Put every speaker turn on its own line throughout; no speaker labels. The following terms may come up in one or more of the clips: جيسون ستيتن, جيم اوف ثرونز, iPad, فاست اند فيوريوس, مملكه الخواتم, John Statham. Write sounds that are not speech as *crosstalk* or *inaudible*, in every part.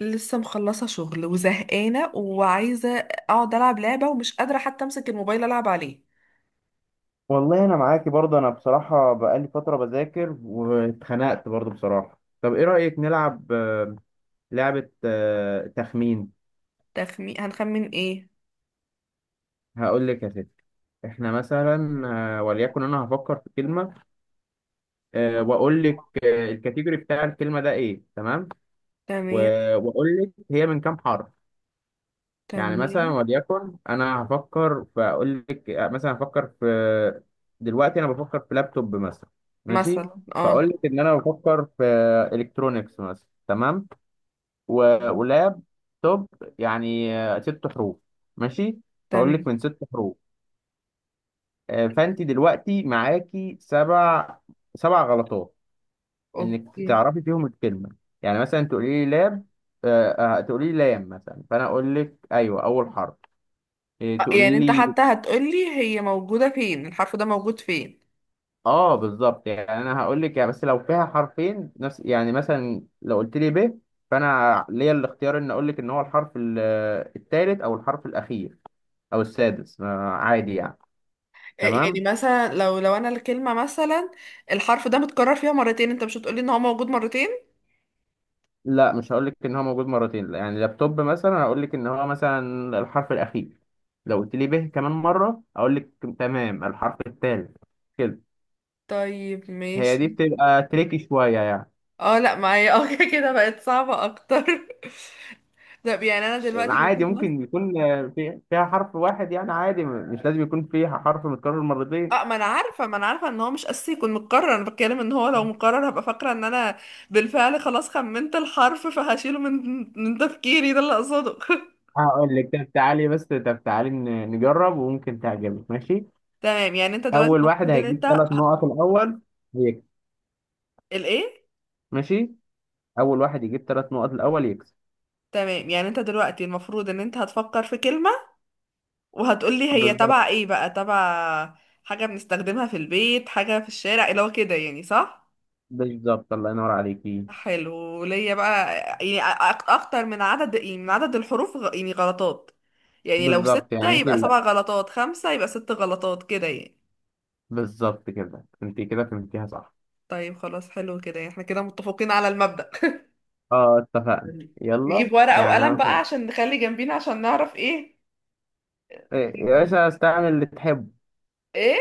لسه مخلصة شغل وزهقانة وعايزة اقعد العب لعبة ومش قادرة حتى امسك الموبايل العب عليه.
والله انا معاكي برضه انا بصراحه بقالي فتره بذاكر واتخنقت برضه بصراحه. طب ايه رايك نلعب لعبه، تخمين.
تخمين، هنخمن ايه؟
هقول لك يا ستي. احنا مثلا وليكن انا هفكر في كلمه، واقول لك الكاتيجوري بتاع الكلمه ده ايه؟ تمام.
تمام.
واقول لك هي من كام حرف. يعني مثلا
تمام.
وليكن انا هفكر، فاقول لك مثلا هفكر في، دلوقتي انا بفكر في لابتوب مثلا. ماشي.
مثلا اه.
فاقول لك ان انا بفكر في الكترونكس مثلا. تمام. ولاب توب، يعني ست حروف. ماشي. فاقول لك
تمام.
من ست حروف، فانت دلوقتي معاكي سبع غلطات انك
اوكي.
تعرفي فيهم الكلمه. يعني مثلا تقولي لي لاب آه، آه، تقولي لي لام مثلا، فانا اقول لك ايوه اول حرف. إيه،
يعني
تقولي
انت
لي.
حتى هتقولي هي موجودة فين؟ الحرف ده موجود فين؟
اه، بالظبط. يعني انا هقول لك يعني، بس لو فيها حرفين نفس، يعني مثلا لو قلت لي ب، فانا ليا الاختيار ان اقول لك ان هو الحرف الثالث او الحرف الاخير او السادس، ما عادي يعني.
يعني
تمام.
مثلا لو انا الكلمة مثلا الحرف ده متكرر فيها مرتين، انت مش هتقولي ان هو موجود مرتين؟
لا، مش هقول لك ان هو موجود مرتين. لا، يعني لابتوب مثلا هقول لك ان هو مثلا الحرف الاخير، لو قلت لي ب كمان مره اقول لك تمام الحرف الثالث كده.
طيب
هي
ماشي.
دي بتبقى تريكي شويه يعني.
اه لا، معايا اه *laughs* كده بقت صعبة اكتر *laughs* طب يعني انا دلوقتي
عادي،
المفروض.
ممكن يكون فيها حرف واحد يعني، عادي مش لازم يكون فيها حرف متكرر مرتين.
اه، ما انا عارفه ان هو مش اساسي يكون متكرر، انا بتكلم ان هو لو مكرر هبقى فاكره ان انا بالفعل خلاص خمنت الحرف فهشيله من تفكيري، ده اللي اقصده *laughs*
هقول لك، طب تعالي نجرب وممكن تعجبك. ماشي.
تمام، يعني انت دلوقتي
اول واحد
المفروض ان
هيجيب
انت
ثلاث نقط الاول يكسب.
الايه؟
ماشي، اول واحد يجيب ثلاث نقط الاول يكسب.
تمام، يعني انت دلوقتي المفروض ان انت هتفكر في كلمه وهتقولي هي تبع
بالظبط.
ايه بقى؟ تبع حاجه بنستخدمها في البيت، حاجه في الشارع، اللي هو كده يعني، صح؟
بالظبط، الله ينور عليكي.
حلو، ليا بقى. يعني اكتر من عدد، يعني من عدد الحروف يعني غلطات، يعني لو
بالظبط،
ستة
يعني انت
يبقى
لا،
سبع غلطات، خمسة يبقى ست غلطات كده يعني.
بالظبط كده انت كده فهمتيها صح.
طيب خلاص، حلو كده، يعني احنا كده متفقين على المبدأ.
اه، اتفقنا.
*laughs*
يلا،
نجيب ورقة
يعني انا
وقلم بقى
مثلا.
عشان نخلي جنبينا، عشان نعرف ايه.
إيه، يا باشا استعمل اللي تحبه،
ايه.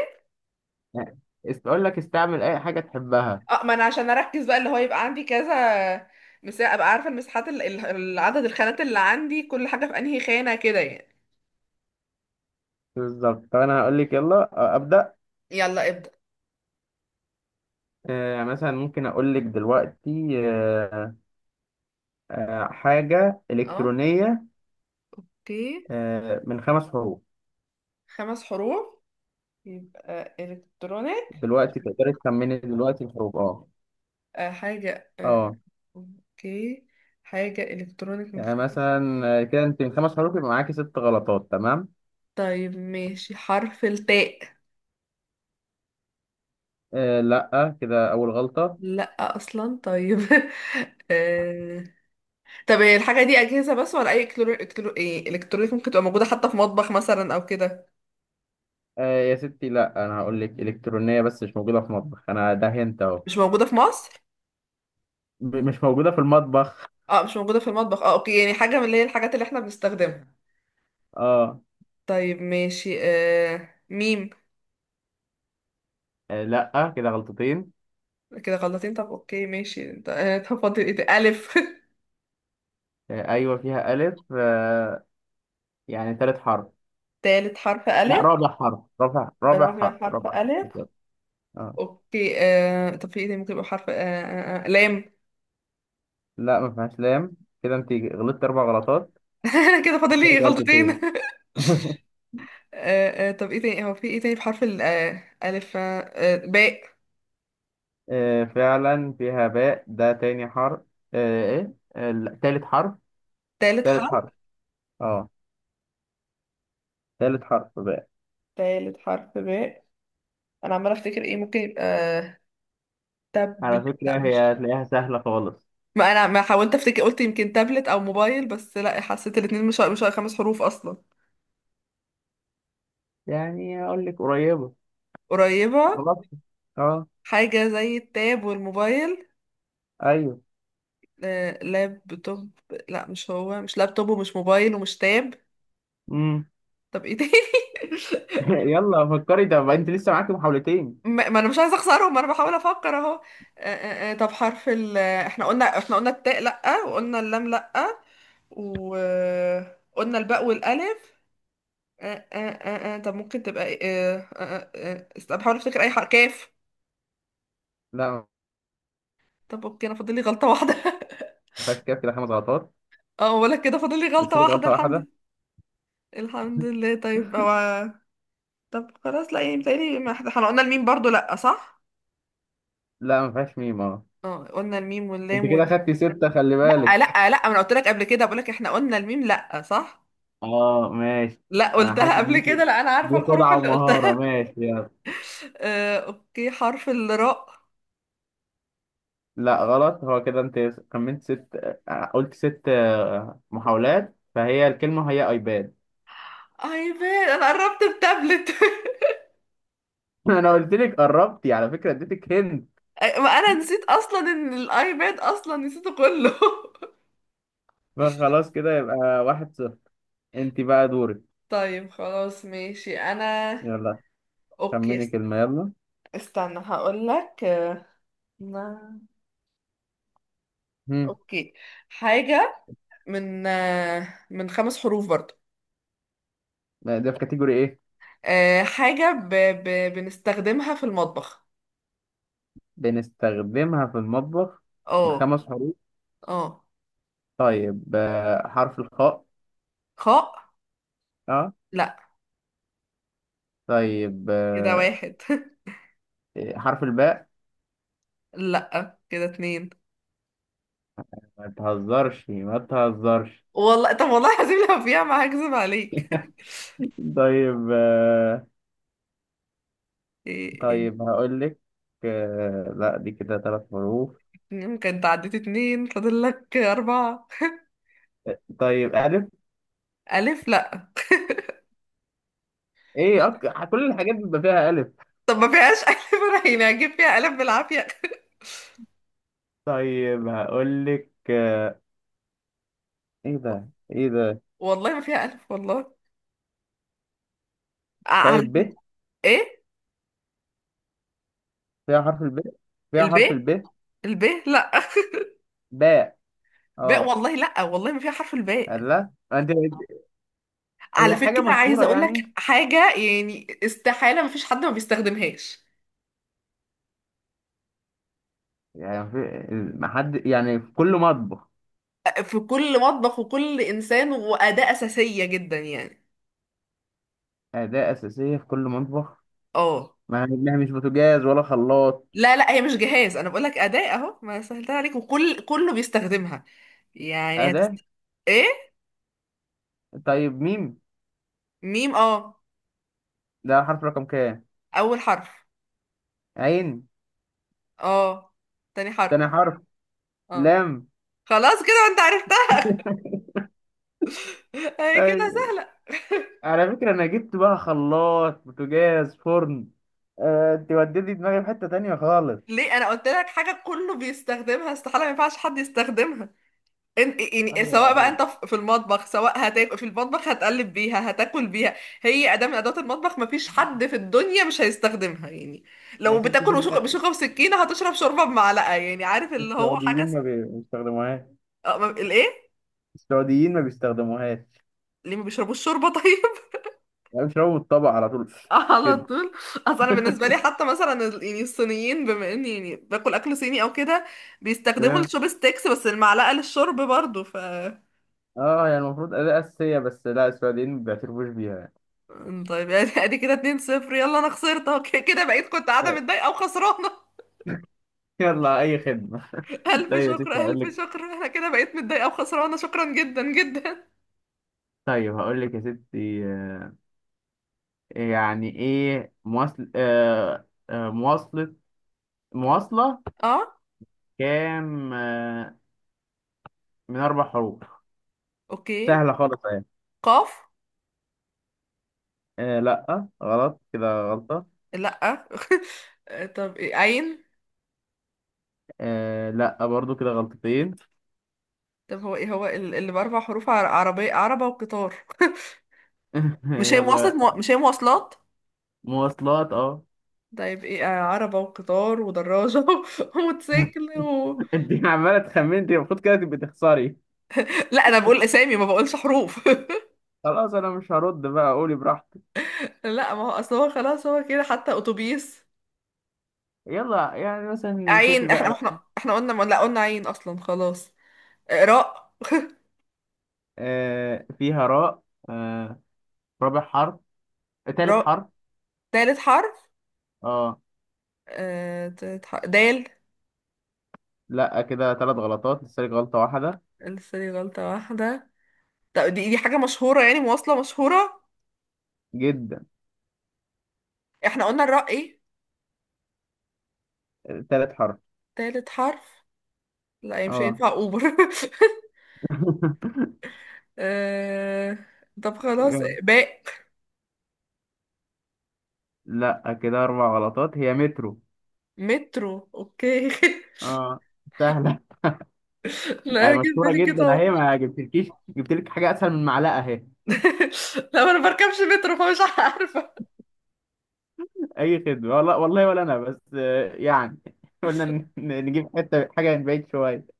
يعني اقول لك استعمل اي حاجه تحبها.
اه، ما انا عشان اركز بقى اللي هو يبقى عندي كذا مساحة، ابقى عارفة المساحات العدد، الخانات اللي عندي، كل حاجة في انهي خانة كده يعني.
بالظبط. طب انا هقول لك، يلا ابدا.
يلا ابدأ.
مثلا ممكن اقول لك دلوقتي حاجه
اه
الكترونيه،
اوكي.
من خمس حروف.
خمس حروف يبقى الكترونيك.
دلوقتي تقدري تخمني دلوقتي الحروف، اه.
آه، حاجة آه،
اه،
اوكي. حاجة الكترونيك من
يعني
خمس.
مثلا كده انت من خمس حروف يبقى معاكي ست غلطات. تمام.
طيب ماشي، حرف التاء.
لا، كده اول غلطه.
لا اصلا؟ طيب *laughs* آه، طب هي الحاجه دي اجهزه بس ولا اي إلكترو... إلكترو... إيه؟ الكترونيك ممكن تبقى موجوده حتى في مطبخ مثلا او كده؟
يا ستي، لا، انا هقول لك الكترونيه بس مش موجوده في مطبخ، انا ده هنت اهو.
مش موجوده في مصر؟
مش موجوده في المطبخ.
اه مش موجوده في المطبخ، اه اوكي، يعني حاجه من اللي هي الحاجات اللي احنا بنستخدمها.
اه.
طيب ماشي، ميم.
لا، كده غلطتين.
كده غلطين؟ طب اوكي ماشي، انت *laughs* طب فاضل ايه ده؟ الف.
ايوه فيها الف. يعني تالت حرف.
*laughs* تالت حرف
لا،
الف؟
رابع حرف، رابع، رابع
رابع
حرف،
حرف
رابع حرف
الف.
كده. اه.
اوكي طب في ايه ده ممكن يبقى حرف لام.
لا، ما فيهاش لام، كده انت غلطت اربع غلطات.
*laughs* كده فاضل لي
غلطت
غلطتين
غلطتين.
*laughs*
*laughs*
طب ايه تاني، هو في ايه تاني بحرف ال آه ألف باء.
آه، فعلا فيها باء، ده تاني حرف. آه، ايه، آه، لا، تالت حرف.
تالت
تالت
حرف؟
حرف. اه. تالت حرف باء.
تالت حرف باء. انا عمالة افتكر ايه ممكن يبقى،
على
تابلت؟
فكرة
لا
هي
مش.
هتلاقيها سهلة خالص.
ما انا ما حاولت افتكر، قلت يمكن تابلت او موبايل، بس لا حسيت الاتنين مش خمس حروف اصلا.
يعني اقول لك قريبة.
قريبة؟
خلاص. اه،
حاجة زي التاب والموبايل.
ايوه.
آه لابتوب. لا مش هو، مش لابتوب ومش موبايل ومش تاب.
امم.
طب ايه تاني
*laughs*
*laughs*
يلا فكري ده بقى، انت لسه معاكي محاولتين.
ما ما انا مش عايزه اخسرهم، انا بحاول افكر اهو. طب حرف احنا قلنا، احنا قلنا التاء لأ، وقلنا اللام لأ، وقلنا الباء والألف. طب ممكن تبقى ايه؟ بحاول افتكر اي حرف. كاف؟
لا،
طب اوكي، انا فاضل لي غلطة واحدة *laughs*
ما فيهاش، كده كده خمس غلطات،
اه ولا كده فاضل لي غلطة
لسه لك
واحدة،
غلطة
الحمد
واحدة.
لله. الحمد لله. طيب هو، طب خلاص لا، يعني متهيألي ما احنا، إحنا قلنا الميم برضو لأ، صح؟
لا، ما فيهاش ميم، اه.
اه قلنا الميم
انت
واللام
كده خدتي ستة، خلي
لأ
بالك.
لأ لأ، ما انا قلت لك قبل كده، بقول لك احنا قلنا الميم لأ، صح؟
اه، ماشي.
لا
انا حاسس
قلتها
ان
قبل
انت
كده، لا انا عارفه
دي
الحروف
خدعة
اللي
ومهارة.
قلتها.
ماشي، يلا.
*laughs* اوكي، حرف الراء.
لا، غلط، هو كده انت كملت ست، قلت ست محاولات، فهي الكلمة هي ايباد.
ايباد؟ انا قربت التابلت *laughs*
*laughs* انا قلت لك قربتي، على فكرة اديتك هند.
ما انا نسيت اصلا ان الايباد اصلا نسيته كله *laughs*
فخلاص كده يبقى 1-0. انت بقى دورك.
طيب خلاص ماشي، انا
يلا،
اوكي
خمني كلمة، يلا.
استنى هقول لك. نا-
هم.
اوكي. حاجة من من خمس حروف برضو.
ده في كاتيجوري ايه؟
حاجة بنستخدمها في المطبخ.
بنستخدمها في المطبخ. من
اه.
خمس حروف.
اه.
طيب، حرف الخاء.
خاء؟
اه.
لا.
طيب،
كده واحد.
إيه، حرف الباء.
لا كده اتنين.
ما تهزرش، ما تهزرش.
والله طب، والله العظيم لو فيها ما هكذب عليك *laughs*
طيب،
إيه إيه.
طيب هقول لك، لا، دي كده ثلاث حروف.
يمكن تعديت اتنين، فاضل لك أربعة.
طيب، ألف.
ألف؟ لا.
ايه، كل الحاجات بيبقى فيها ألف.
طب ما فيهاش ألف *laughs* أنا يعني هجيب فيها ألف بالعافية؟
طيب هقول لك ايه
*laughs*
ده؟ ايه ده؟
والله ما فيها ألف، والله. على.
طيب، ب،
إيه؟
فيها حرف الب، فيها حرف
الباء؟
الب.
الباء لا *laughs*
باء،
باء،
اه.
والله لا، والله ما فيها حرف الباء.
لا، انت.
على
هي حاجة
فكرة عايزة
مشهورة
أقول
يعني،
لك حاجة، يعني استحالة ما فيش حد ما بيستخدمهاش.
يعني في، ما حد يعني في كل مطبخ.
في كل مطبخ، وكل إنسان، وأداة أساسية جدا يعني.
أداة أساسية في كل مطبخ.
اه.
ما هي مش بوتاجاز ولا خلاط.
لا لا، هي مش جهاز، انا بقول لك اداة اهو، ما سهلتها عليك، كله بيستخدمها. يعني
أداة.
ايه.
طيب، ميم.
ميم. اه،
ده حرف رقم كام؟
اول حرف.
عين.
اه، تاني حرف.
تاني حرف.
اه.
لام.
خلاص كده انت عرفتها *laughs* هي كده
أي.
سهلة.
على فكرة أنا جبت بقى خلاط، بوتاجاز، فرن، أنت وديتي دماغي في حتة تانية خالص.
ليه؟ انا قلت لك حاجة كله بيستخدمها، استحالة ما ينفعش حد يستخدمها. انت يعني
أيوة يا
سواء بقى
أرض.
انت في المطبخ، سواء هتاكل في المطبخ، هتقلب بيها، هتاكل بيها. هي اداة من ادوات المطبخ، مفيش حد في الدنيا مش هيستخدمها يعني.
يا
لو
ستي في
بتاكل بشوكة، بشوكة وسكينة، هتشرب شوربة بمعلقة، يعني عارف اللي هو حاجة
السعوديين ما بيستخدموهاش.
اه. الايه؟
السعوديين ما بيستخدموهاش.
ليه ما بيشربوش شوربة طيب؟
يعني بيشربوا من الطبق على طول
*laughs* على
كده.
طول. اصل انا بالنسبة لي حتى مثلا يعني الصينيين، بما اني يعني باكل اكل صيني او كده، بيستخدموا
اه.
الشوب ستيكس، بس المعلقة للشرب برضو ف.
يعني المفروض أداة أساسية، بس لا، السعوديين ما بيعترفوش بيها.
طيب يعني *laughs* ادي كده 2-0، يلا انا خسرت اهو، كده بقيت، كنت قاعده
طيب.
متضايقه وخسرانه
يلا، أي خدمة.
*laughs*
*laughs*
الف
طيب يا ستي
شكر،
هقول لك.
الف شكر، انا كده بقيت متضايقه وخسرانه، شكرا جدا جدا.
طيب هقول لك يا ستي يعني ايه، مواصلة،
*laughs* اه
كام من أربع حروف.
اوكي.
سهلة خالص أهي.
قاف؟
لأ، غلط، كده غلطة.
لا *laughs* طب إيه؟ عين؟
لأ، برضو كده غلطتين.
طب هو ايه هو اللي باربع حروف؟ عربيه، عربه وقطار
*laughs*
*laughs* مش هي مواصلات
يلا.
مش هي مواصلات؟
مواصلات، اه.
طيب ايه، عربه وقطار ودراجه *laughs* وموتوسيكل
*laughs* انت عمالة تخمني، انت المفروض كده تبقي تخسري.
لا انا بقول اسامي، ما بقولش حروف
خلاص، انا مش هرد بقى، قولي براحتك.
*laughs* لا، ما هو اصل هو خلاص هو كده حتى اتوبيس.
يلا، يعني مثلا شوفي
عين،
بقى.
احنا قلنا، ما لا قلنا عين اصلا، خلاص. راء.
فيها راء. آه، رابع حرف. تالت
راء،
حرف.
تالت حرف؟
اه.
تالت حرف دال.
لا، كده ثلاث غلطات، لسه لك غلطة واحدة.
لسه لي غلطة واحدة. طب دي، دي حاجة مشهورة يعني، مواصلة مشهورة.
جدا.
احنا قلنا الراء ايه؟
ثالث حرف.
تالت حرف. لا هي مش
اه.
هينفع اوبر *laughs*
*laughs*
آه، طب خلاص،
يلا.
باء.
لا، كده اربع غلطات، هي مترو.
مترو؟ اوكي
اه، سهلة.
*laughs*
*laughs*
لا
يعني
انا جه في
مشهورة
بالي
جدا
قطار
اهي، ما جبتلكيش جبتلك حاجة اسهل من معلقة اهي.
*laughs* لا ما انا بركبش مترو فمش عارفة.
اي خدمة، والله والله، ولا انا بس يعني، *laughs* قلنا نجيب حتة حاجة من بعيد شوية.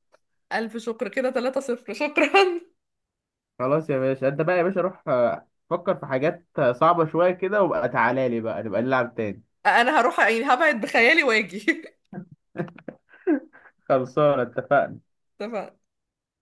الف شكر كده 3 صفر، شكرا.
خلاص يا باشا، انت بقى يا باشا روح فكر في حاجات صعبة شوية كده، وبقى تعالى لي بقى نبقى نلعب تاني.
انا هروح يعني هبعد بخيالي واجي *laughs*
*laughs* خلصانة، اتفقنا.
طبعا.